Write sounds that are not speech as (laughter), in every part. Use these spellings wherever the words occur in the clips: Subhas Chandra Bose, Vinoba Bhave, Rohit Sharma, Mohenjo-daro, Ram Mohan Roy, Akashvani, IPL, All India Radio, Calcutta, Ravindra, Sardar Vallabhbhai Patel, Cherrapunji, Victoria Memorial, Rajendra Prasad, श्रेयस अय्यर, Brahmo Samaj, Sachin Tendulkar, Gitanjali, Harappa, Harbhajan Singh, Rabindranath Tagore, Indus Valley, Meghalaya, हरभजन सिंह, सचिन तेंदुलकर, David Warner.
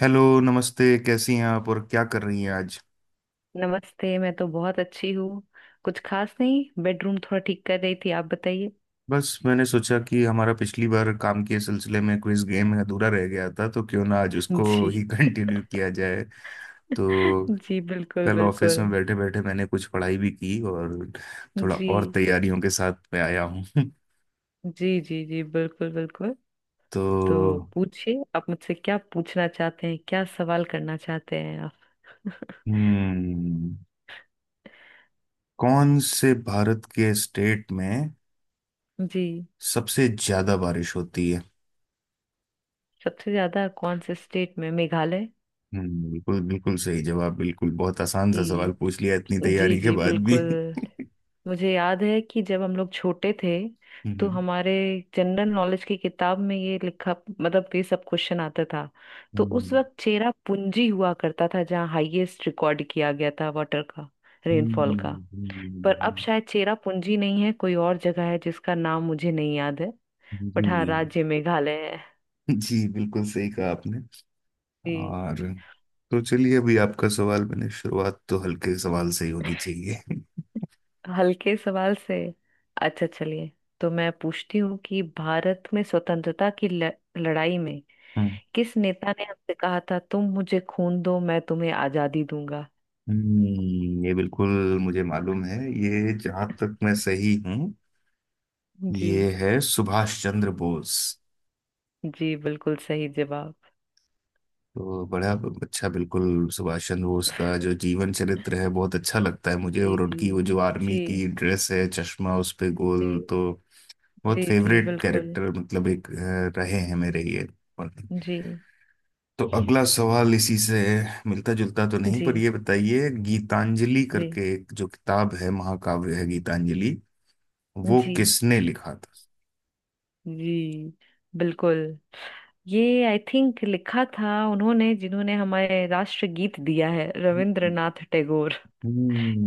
Hello, नमस्ते। कैसी हैं आप और क्या कर रही हैं आज? नमस्ते। मैं तो बहुत अच्छी हूँ। कुछ खास नहीं, बेडरूम थोड़ा ठीक कर रही थी। आप बताइए। बस मैंने सोचा कि हमारा पिछली बार काम के सिलसिले में क्विज गेम अधूरा रह गया था, तो क्यों ना आज उसको जी। ही (laughs) कंटिन्यू किया जाए। तो (laughs) जी बिल्कुल कल ऑफिस में बिल्कुल। बैठे बैठे मैंने कुछ पढ़ाई भी की और थोड़ा जी और तैयारियों के साथ मैं आया हूँ। (laughs) जी जी। जी बिल्कुल बिल्कुल। तो तो पूछिए, आप मुझसे क्या पूछना चाहते हैं, क्या सवाल करना चाहते हैं आप? (laughs) हम्म कौन से भारत के स्टेट में जी। सबसे ज्यादा बारिश होती है? सबसे ज्यादा कौन से स्टेट में? मेघालय। बिल्कुल बिल्कुल, सही जवाब। बिल्कुल, बहुत आसान सा सवाल जी पूछ लिया इतनी जी तैयारी के जी बाद भी। बिल्कुल। (laughs) मुझे याद है कि जब हम लोग छोटे थे, तो हम्म। हमारे जनरल नॉलेज की किताब में ये लिखा, मतलब ये सब क्वेश्चन आता था। तो उस हम्म। वक्त चेरा पूंजी हुआ करता था, जहाँ हाईएस्ट रिकॉर्ड किया गया था वाटर का, रेनफॉल का। हम्म। पर अब शायद चेरा पूंजी नहीं है, कोई और जगह है जिसका नाम मुझे नहीं याद है। बट हाँ, जी, राज्य मेघालय है। जी, बिल्कुल सही कहा आपने। जी। और तो चलिए, अभी आपका सवाल, मैंने शुरुआत तो हल्के सवाल से ही होनी चाहिए। हल्के सवाल से? अच्छा चलिए। तो मैं पूछती हूँ कि भारत में स्वतंत्रता की लड़ाई में हम्म। किस नेता ने हमसे कहा था, तुम मुझे खून दो मैं तुम्हें आजादी दूंगा? ये बिल्कुल, मुझे मालूम है। ये, जहां तक मैं सही हूँ, जी। ये है सुभाष चंद्र बोस। जी बिल्कुल सही जवाब। तो बड़ा अच्छा, बिल्कुल। सुभाष चंद्र बोस का जो जीवन चरित्र है, बहुत अच्छा लगता है मुझे, जी और जी उनकी वो जो आर्मी जी की ड्रेस है, चश्मा उस पे गोल। जी तो बहुत जी। जी फेवरेट बिल्कुल। कैरेक्टर मतलब एक रहे हैं मेरे ये। और- जी तो अगला सवाल इसी से मिलता जुलता तो नहीं, जी पर ये बताइए, गीतांजलि करके जी एक जो किताब है, महाकाव्य है गीतांजलि, वो जी किसने लिखा था? जी बिल्कुल। ये आई थिंक लिखा था उन्होंने जिन्होंने हमारे राष्ट्रगीत दिया है, रविंद्रनाथ टैगोर।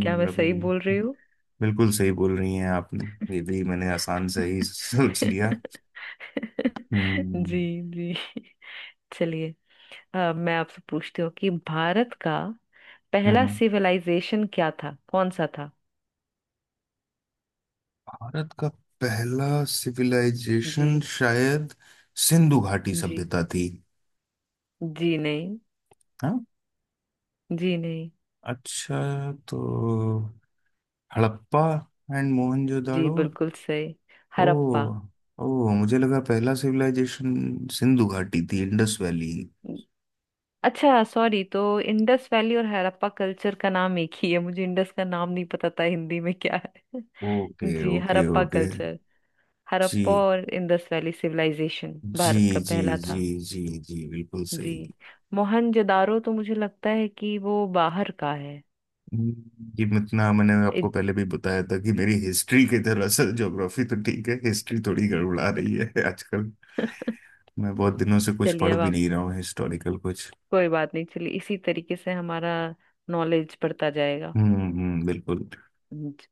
क्या मैं सही बोल रविंद्र। रही हूँ? बिल्कुल सही बोल रही हैं आपने, ये भी मैंने आसान से ही सोच लिया। (laughs) हम्म। जी जी। चलिए। मैं आपसे पूछती हूँ कि भारत का पहला हम्म। सिविलाइजेशन क्या था, कौन सा था? भारत का पहला जी। सिविलाइजेशन शायद सिंधु घाटी जी। सभ्यता थी। जी नहीं। हाँ। जी नहीं। अच्छा, तो हड़प्पा एंड जी मोहनजोदाड़ो। बिल्कुल सही। ओ। हड़प्पा। ओ, मुझे लगा पहला सिविलाइजेशन सिंधु घाटी थी, इंडस वैली। अच्छा सॉरी, तो इंडस वैली और हड़प्पा कल्चर का नाम एक ही है? मुझे इंडस का नाम नहीं पता था हिंदी में क्या है। (laughs) ओके जी okay Harappa okay. Culture. Harappa जी। और इंडस वैली सिविलाइजेशन जी। भारत का जी। पहला जी, था। जी, जी, बिल्कुल जी। सही। मोहनजोदारो तो मुझे लगता है कि वो बाहर का है। ये इतना मैंने आपको पहले इत- भी बताया था कि मेरी हिस्ट्री की तरह से ज्योग्राफी तो ठीक है, हिस्ट्री थोड़ी गड़बड़ा रही है (laughs) आजकल। (laughs) मैं बहुत दिनों से कुछ चलिए पढ़ अब भी आप। नहीं रहा हूँ हिस्टोरिकल कुछ। कोई बात नहीं, चलिए इसी तरीके से हमारा नॉलेज बढ़ता जाएगा। हम्म। हम्म, बिल्कुल। ज-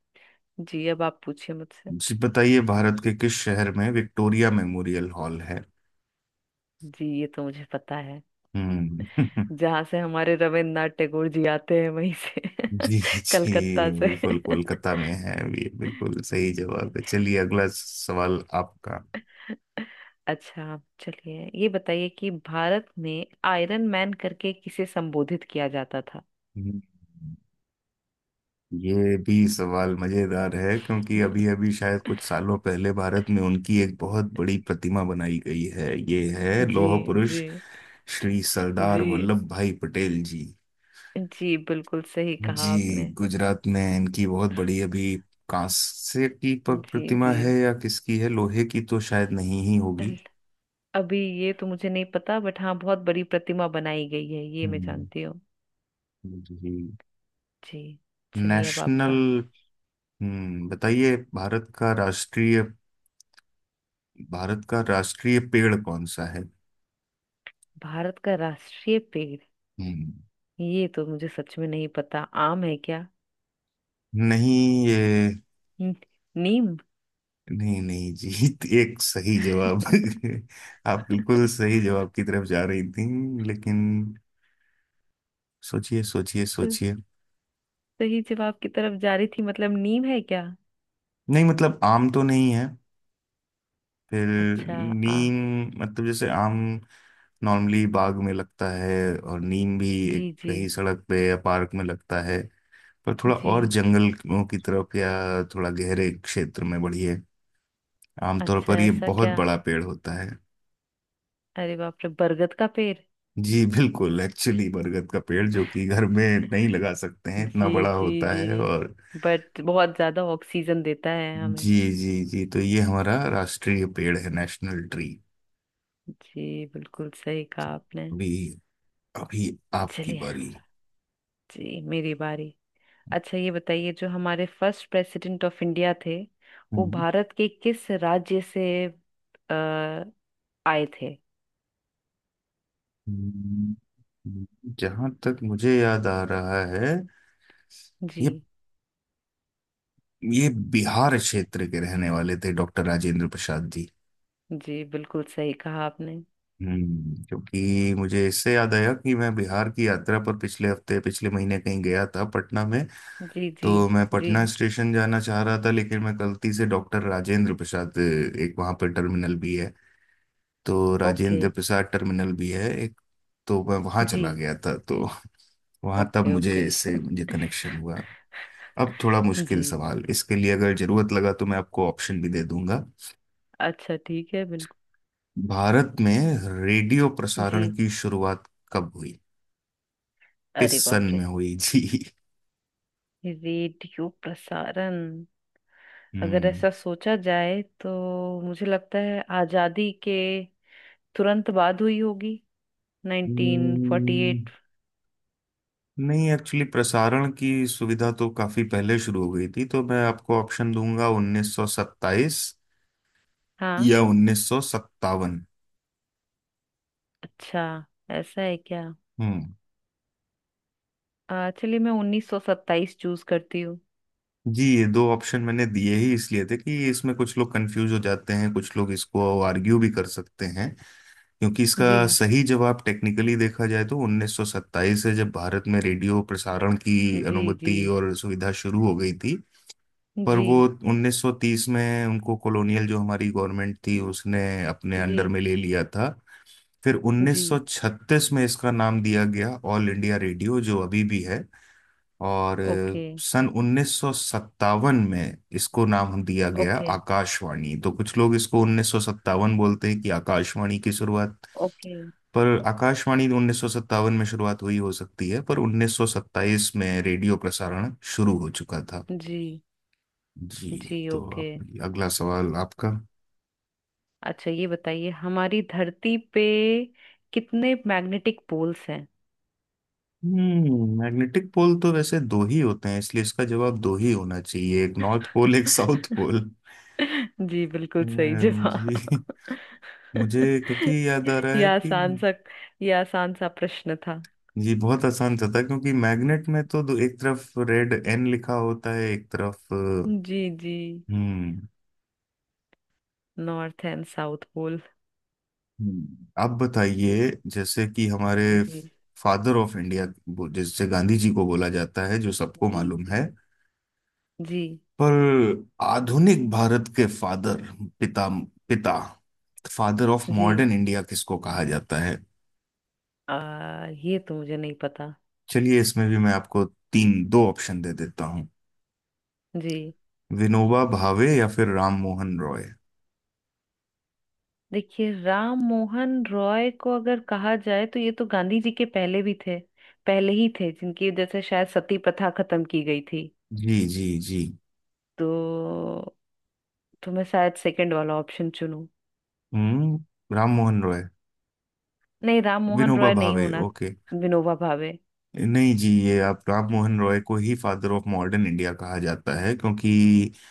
जी, अब आप पूछिए मुझसे। जी, बताइए, भारत के किस शहर में विक्टोरिया मेमोरियल हॉल है? जी ये तो मुझे पता है। हम्म। जहाँ से हमारे रविन्द्रनाथ टैगोर जी आते हैं, वहीं से, (laughs) (laughs) जी, जी, कलकत्ता से। बिल्कुल कोलकाता में है। ये बिल्कुल सही जवाब है, चलिए अगला सवाल आपका। अच्छा, आप चलिए ये बताइए कि भारत में आयरन मैन करके किसे संबोधित किया जाता था? हम्म, ये भी सवाल मजेदार है क्योंकि अभी अभी शायद कुछ सालों पहले भारत में उनकी एक बहुत बड़ी प्रतिमा बनाई गई है, ये है जी। लौह पुरुष जी श्री सरदार जी। वल्लभ भाई पटेल जी। जी बिल्कुल सही कहा जी, आपने। गुजरात में इनकी बहुत बड़ी अभी कांसे की जी प्रतिमा जी। है, या किसकी है, लोहे की तो शायद नहीं ही होगी। अभी ये तो मुझे नहीं पता, बट हाँ बहुत बड़ी प्रतिमा बनाई गई है ये मैं हम्म। जानती हूँ। जी। जी। चलिए अब नेशनल आपका। हम्म, बताइए, भारत का राष्ट्रीय, भारत का राष्ट्रीय पेड़ कौन सा है? भारत का राष्ट्रीय पेड़? हम्म। ये तो मुझे सच में नहीं पता। आम है क्या? नहीं, ये, न- नीम। (laughs) नहीं नहीं, जीत, (laughs) एक सही जवाब। (laughs) आप बिल्कुल सही जवाब की तरफ जा रही थी, लेकिन सोचिए सोचिए तो सोचिए। सही जवाब की तरफ जा रही थी, मतलब नीम है क्या? नहीं, मतलब आम तो नहीं है, फिर अच्छा। आ। नीम, मतलब जैसे आम नॉर्मली बाग में लगता है, और नीम भी एक जी जी कहीं सड़क पे या पार्क में लगता है, पर थोड़ा और जी। जंगलों की तरफ या थोड़ा गहरे क्षेत्र में बढ़िए, आमतौर अच्छा पर ये ऐसा बहुत क्या? बड़ा पेड़ होता है। अरे बाप रे, बरगद का पेड़। जी, बिल्कुल, एक्चुअली बरगद का पेड़ जो कि घर में नहीं लगा सकते हैं, इतना जी बड़ा जी होता है, जी। और बट बहुत ज्यादा ऑक्सीजन देता है हमें। जी जी जी, तो ये हमारा राष्ट्रीय पेड़ है, नेशनल ट्री। जी बिल्कुल सही कहा तो आपने। अभी, अभी आपकी चलिए। बारी। जी मेरी बारी। अच्छा ये बताइए, जो हमारे फर्स्ट प्रेसिडेंट ऑफ इंडिया थे, वो हम्म, भारत के किस राज्य से आए थे? हम्म, जहाँ तक मुझे याद आ रहा है जी। ये ये बिहार क्षेत्र के रहने वाले थे, डॉक्टर राजेंद्र प्रसाद जी। जी बिल्कुल सही कहा आपने। हम्म, क्योंकि मुझे इससे याद आया कि मैं बिहार की यात्रा पर पिछले हफ्ते, पिछले महीने कहीं गया था, पटना में। जी जी तो मैं जी। पटना स्टेशन जाना चाह रहा था, लेकिन मैं गलती से डॉक्टर राजेंद्र प्रसाद, एक वहाँ पर टर्मिनल भी है, तो ओके। राजेंद्र प्रसाद टर्मिनल भी है एक, तो मैं वहाँ जी चला गया था, तो वहाँ तब ओके मुझे, ओके। इससे मुझे कनेक्शन हुआ। अब थोड़ा मुश्किल जी। सवाल, इसके लिए अगर जरूरत लगा तो मैं आपको ऑप्शन भी दे दूंगा। अच्छा ठीक है, बिल्कुल। भारत में रेडियो जी। प्रसारण की शुरुआत कब हुई, अरे किस बाप सन रे, में हुई? (laughs) जी। रेडियो प्रसारण, अगर ऐसा सोचा जाए तो मुझे लगता है आजादी के तुरंत बाद हुई होगी। हम्म। 1948। नहीं, एक्चुअली प्रसारण की सुविधा तो काफी पहले शुरू हो गई थी, तो मैं आपको ऑप्शन दूंगा, 1927 हाँ। या 1957। अच्छा ऐसा है क्या? हम्म। चलिए मैं उन्नीस सौ सत्ताईस चूज करती हूँ। जी, ये दो ऑप्शन मैंने दिए ही इसलिए थे कि इसमें कुछ लोग कंफ्यूज हो जाते हैं, कुछ लोग इसको आर्ग्यू भी कर सकते हैं, क्योंकि जी इसका सही जवाब टेक्निकली देखा जाए तो 1927 है, जब भारत में रेडियो प्रसारण की जी जी अनुमति और सुविधा शुरू हो गई थी। पर जी वो 1930 में उनको, कॉलोनियल जो हमारी गवर्नमेंट थी उसने अपने जी। अंडर में ले लिया था। फिर जी 1936 में इसका नाम दिया गया ऑल इंडिया रेडियो, जो अभी भी है। और ओके सन 1957 में इसको नाम दिया गया ओके आकाशवाणी, तो कुछ लोग इसको 1957 बोलते हैं कि आकाशवाणी की शुरुआत। ओके। पर आकाशवाणी 1957 में शुरुआत हुई हो सकती है, पर 1927 में रेडियो प्रसारण शुरू हो चुका था। जी। जी, जी तो ओके। अब अगला सवाल आपका। अच्छा ये बताइए, हमारी धरती पे कितने मैग्नेटिक पोल्स हैं? हम्म, मैग्नेटिक पोल तो वैसे दो ही होते हैं, इसलिए इसका जवाब दो ही होना चाहिए, एक नॉर्थ पोल एक साउथ पोल। (laughs) जी बिल्कुल सही जवाब। जी। मुझे (laughs) क्योंकि याद आ रहा ये है कि, आसान सा, ये आसान सा प्रश्न था। जी, बहुत आसान सा था क्योंकि मैग्नेट में तो दो, एक तरफ रेड एन लिखा होता है एक तरफ जी जी। हम्म। North and south pole. हम्म। आप बताइए, जैसे कि हमारे जी फादर ऑफ इंडिया, जैसे गांधी जी को बोला जाता है, जो सबको जी मालूम है, जी जी पर आधुनिक भारत के फादर, पिता, पिता, फादर ऑफ जी। मॉडर्न इंडिया किसको कहा जाता है? ये तो मुझे नहीं पता। चलिए इसमें भी मैं आपको तीन दो ऑप्शन दे देता हूँ, जी। विनोबा भावे या फिर राम मोहन रॉय। देखिए, राम मोहन रॉय को अगर कहा जाए तो ये तो गांधी जी के पहले भी थे, पहले ही थे, जिनकी वजह से शायद सती प्रथा खत्म की गई थी। जी। जी। जी। तो मैं शायद सेकंड वाला ऑप्शन चुनूं। हम्म, राम मोहन रॉय, नहीं, राम मोहन विनोबा रॉय नहीं भावे, होना। ओके। विनोबा भावे। नहीं जी, ये आप, राम मोहन रॉय को ही फादर ऑफ मॉडर्न इंडिया कहा जाता है, क्योंकि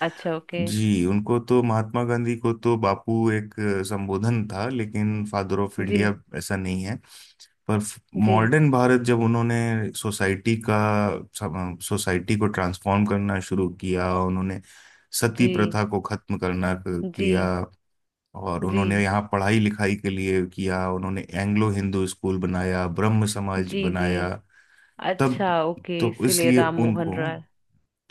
अच्छा ओके। जी, उनको, तो महात्मा गांधी को तो बापू, एक संबोधन था, लेकिन फादर ऑफ जी इंडिया ऐसा नहीं है। पर जी मॉडर्न भारत जब उन्होंने सोसाइटी का, सोसाइटी को ट्रांसफॉर्म करना शुरू किया, उन्होंने सती जी प्रथा को खत्म करना किया, जी और जी उन्होंने यहाँ पढ़ाई लिखाई के लिए किया, उन्होंने एंग्लो हिंदू स्कूल बनाया, ब्रह्म समाज जी जी। बनाया। तब, अच्छा ओके, तो इसीलिए इसलिए राम मोहन उनको Roy.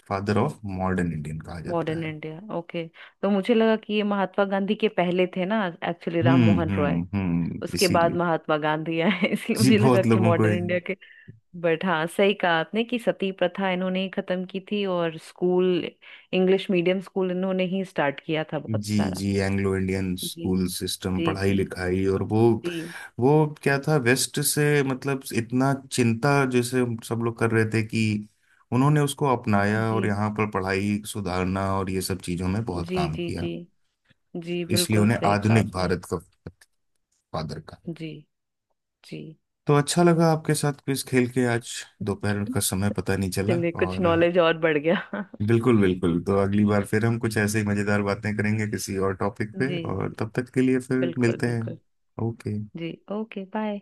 Father of modern Indian कहा जाता मॉडर्न है। India, okay. तो मुझे लगा कि ये महात्मा गांधी के पहले थे ना एक्चुअली, राम मोहन रॉय, हम्म, उसके बाद इसीलिए महात्मा गांधी आए। (laughs) इसलिए जी मुझे लगा बहुत कि लोगों को, मॉडर्न इंडिया के। बट हाँ, सही कहा आपने कि सती प्रथा इन्होंने ही खत्म की थी, और स्कूल, इंग्लिश मीडियम स्कूल इन्होंने ही स्टार्ट किया था बहुत जी सारा। जी, एंग्लो इंडियन जी स्कूल सिस्टम, जी पढ़ाई जी लिखाई, और वो जी वो क्या था, वेस्ट से मतलब इतना चिंता जैसे सब लोग कर रहे थे, कि उन्होंने उसको अपनाया, और जी यहाँ पर पढ़ाई सुधारना और ये सब चीजों में बहुत जी काम जी किया। जी। जी इसलिए बिल्कुल उन्हें सही कहा आधुनिक आपने। भारत का फादर कहा। जी जी। तो अच्छा लगा आपके साथ क्विज खेल के आज, (laughs) दोपहर का समय पता नहीं चला, चलिए कुछ और, नॉलेज और बढ़ गया। (laughs) बिल्कुल बिल्कुल, तो अगली बार फिर हम कुछ ऐसे ही मजेदार बातें करेंगे किसी और टॉपिक पे, जी और जी तब तक के लिए फिर बिल्कुल मिलते हैं। बिल्कुल। ओके। जी ओके बाय।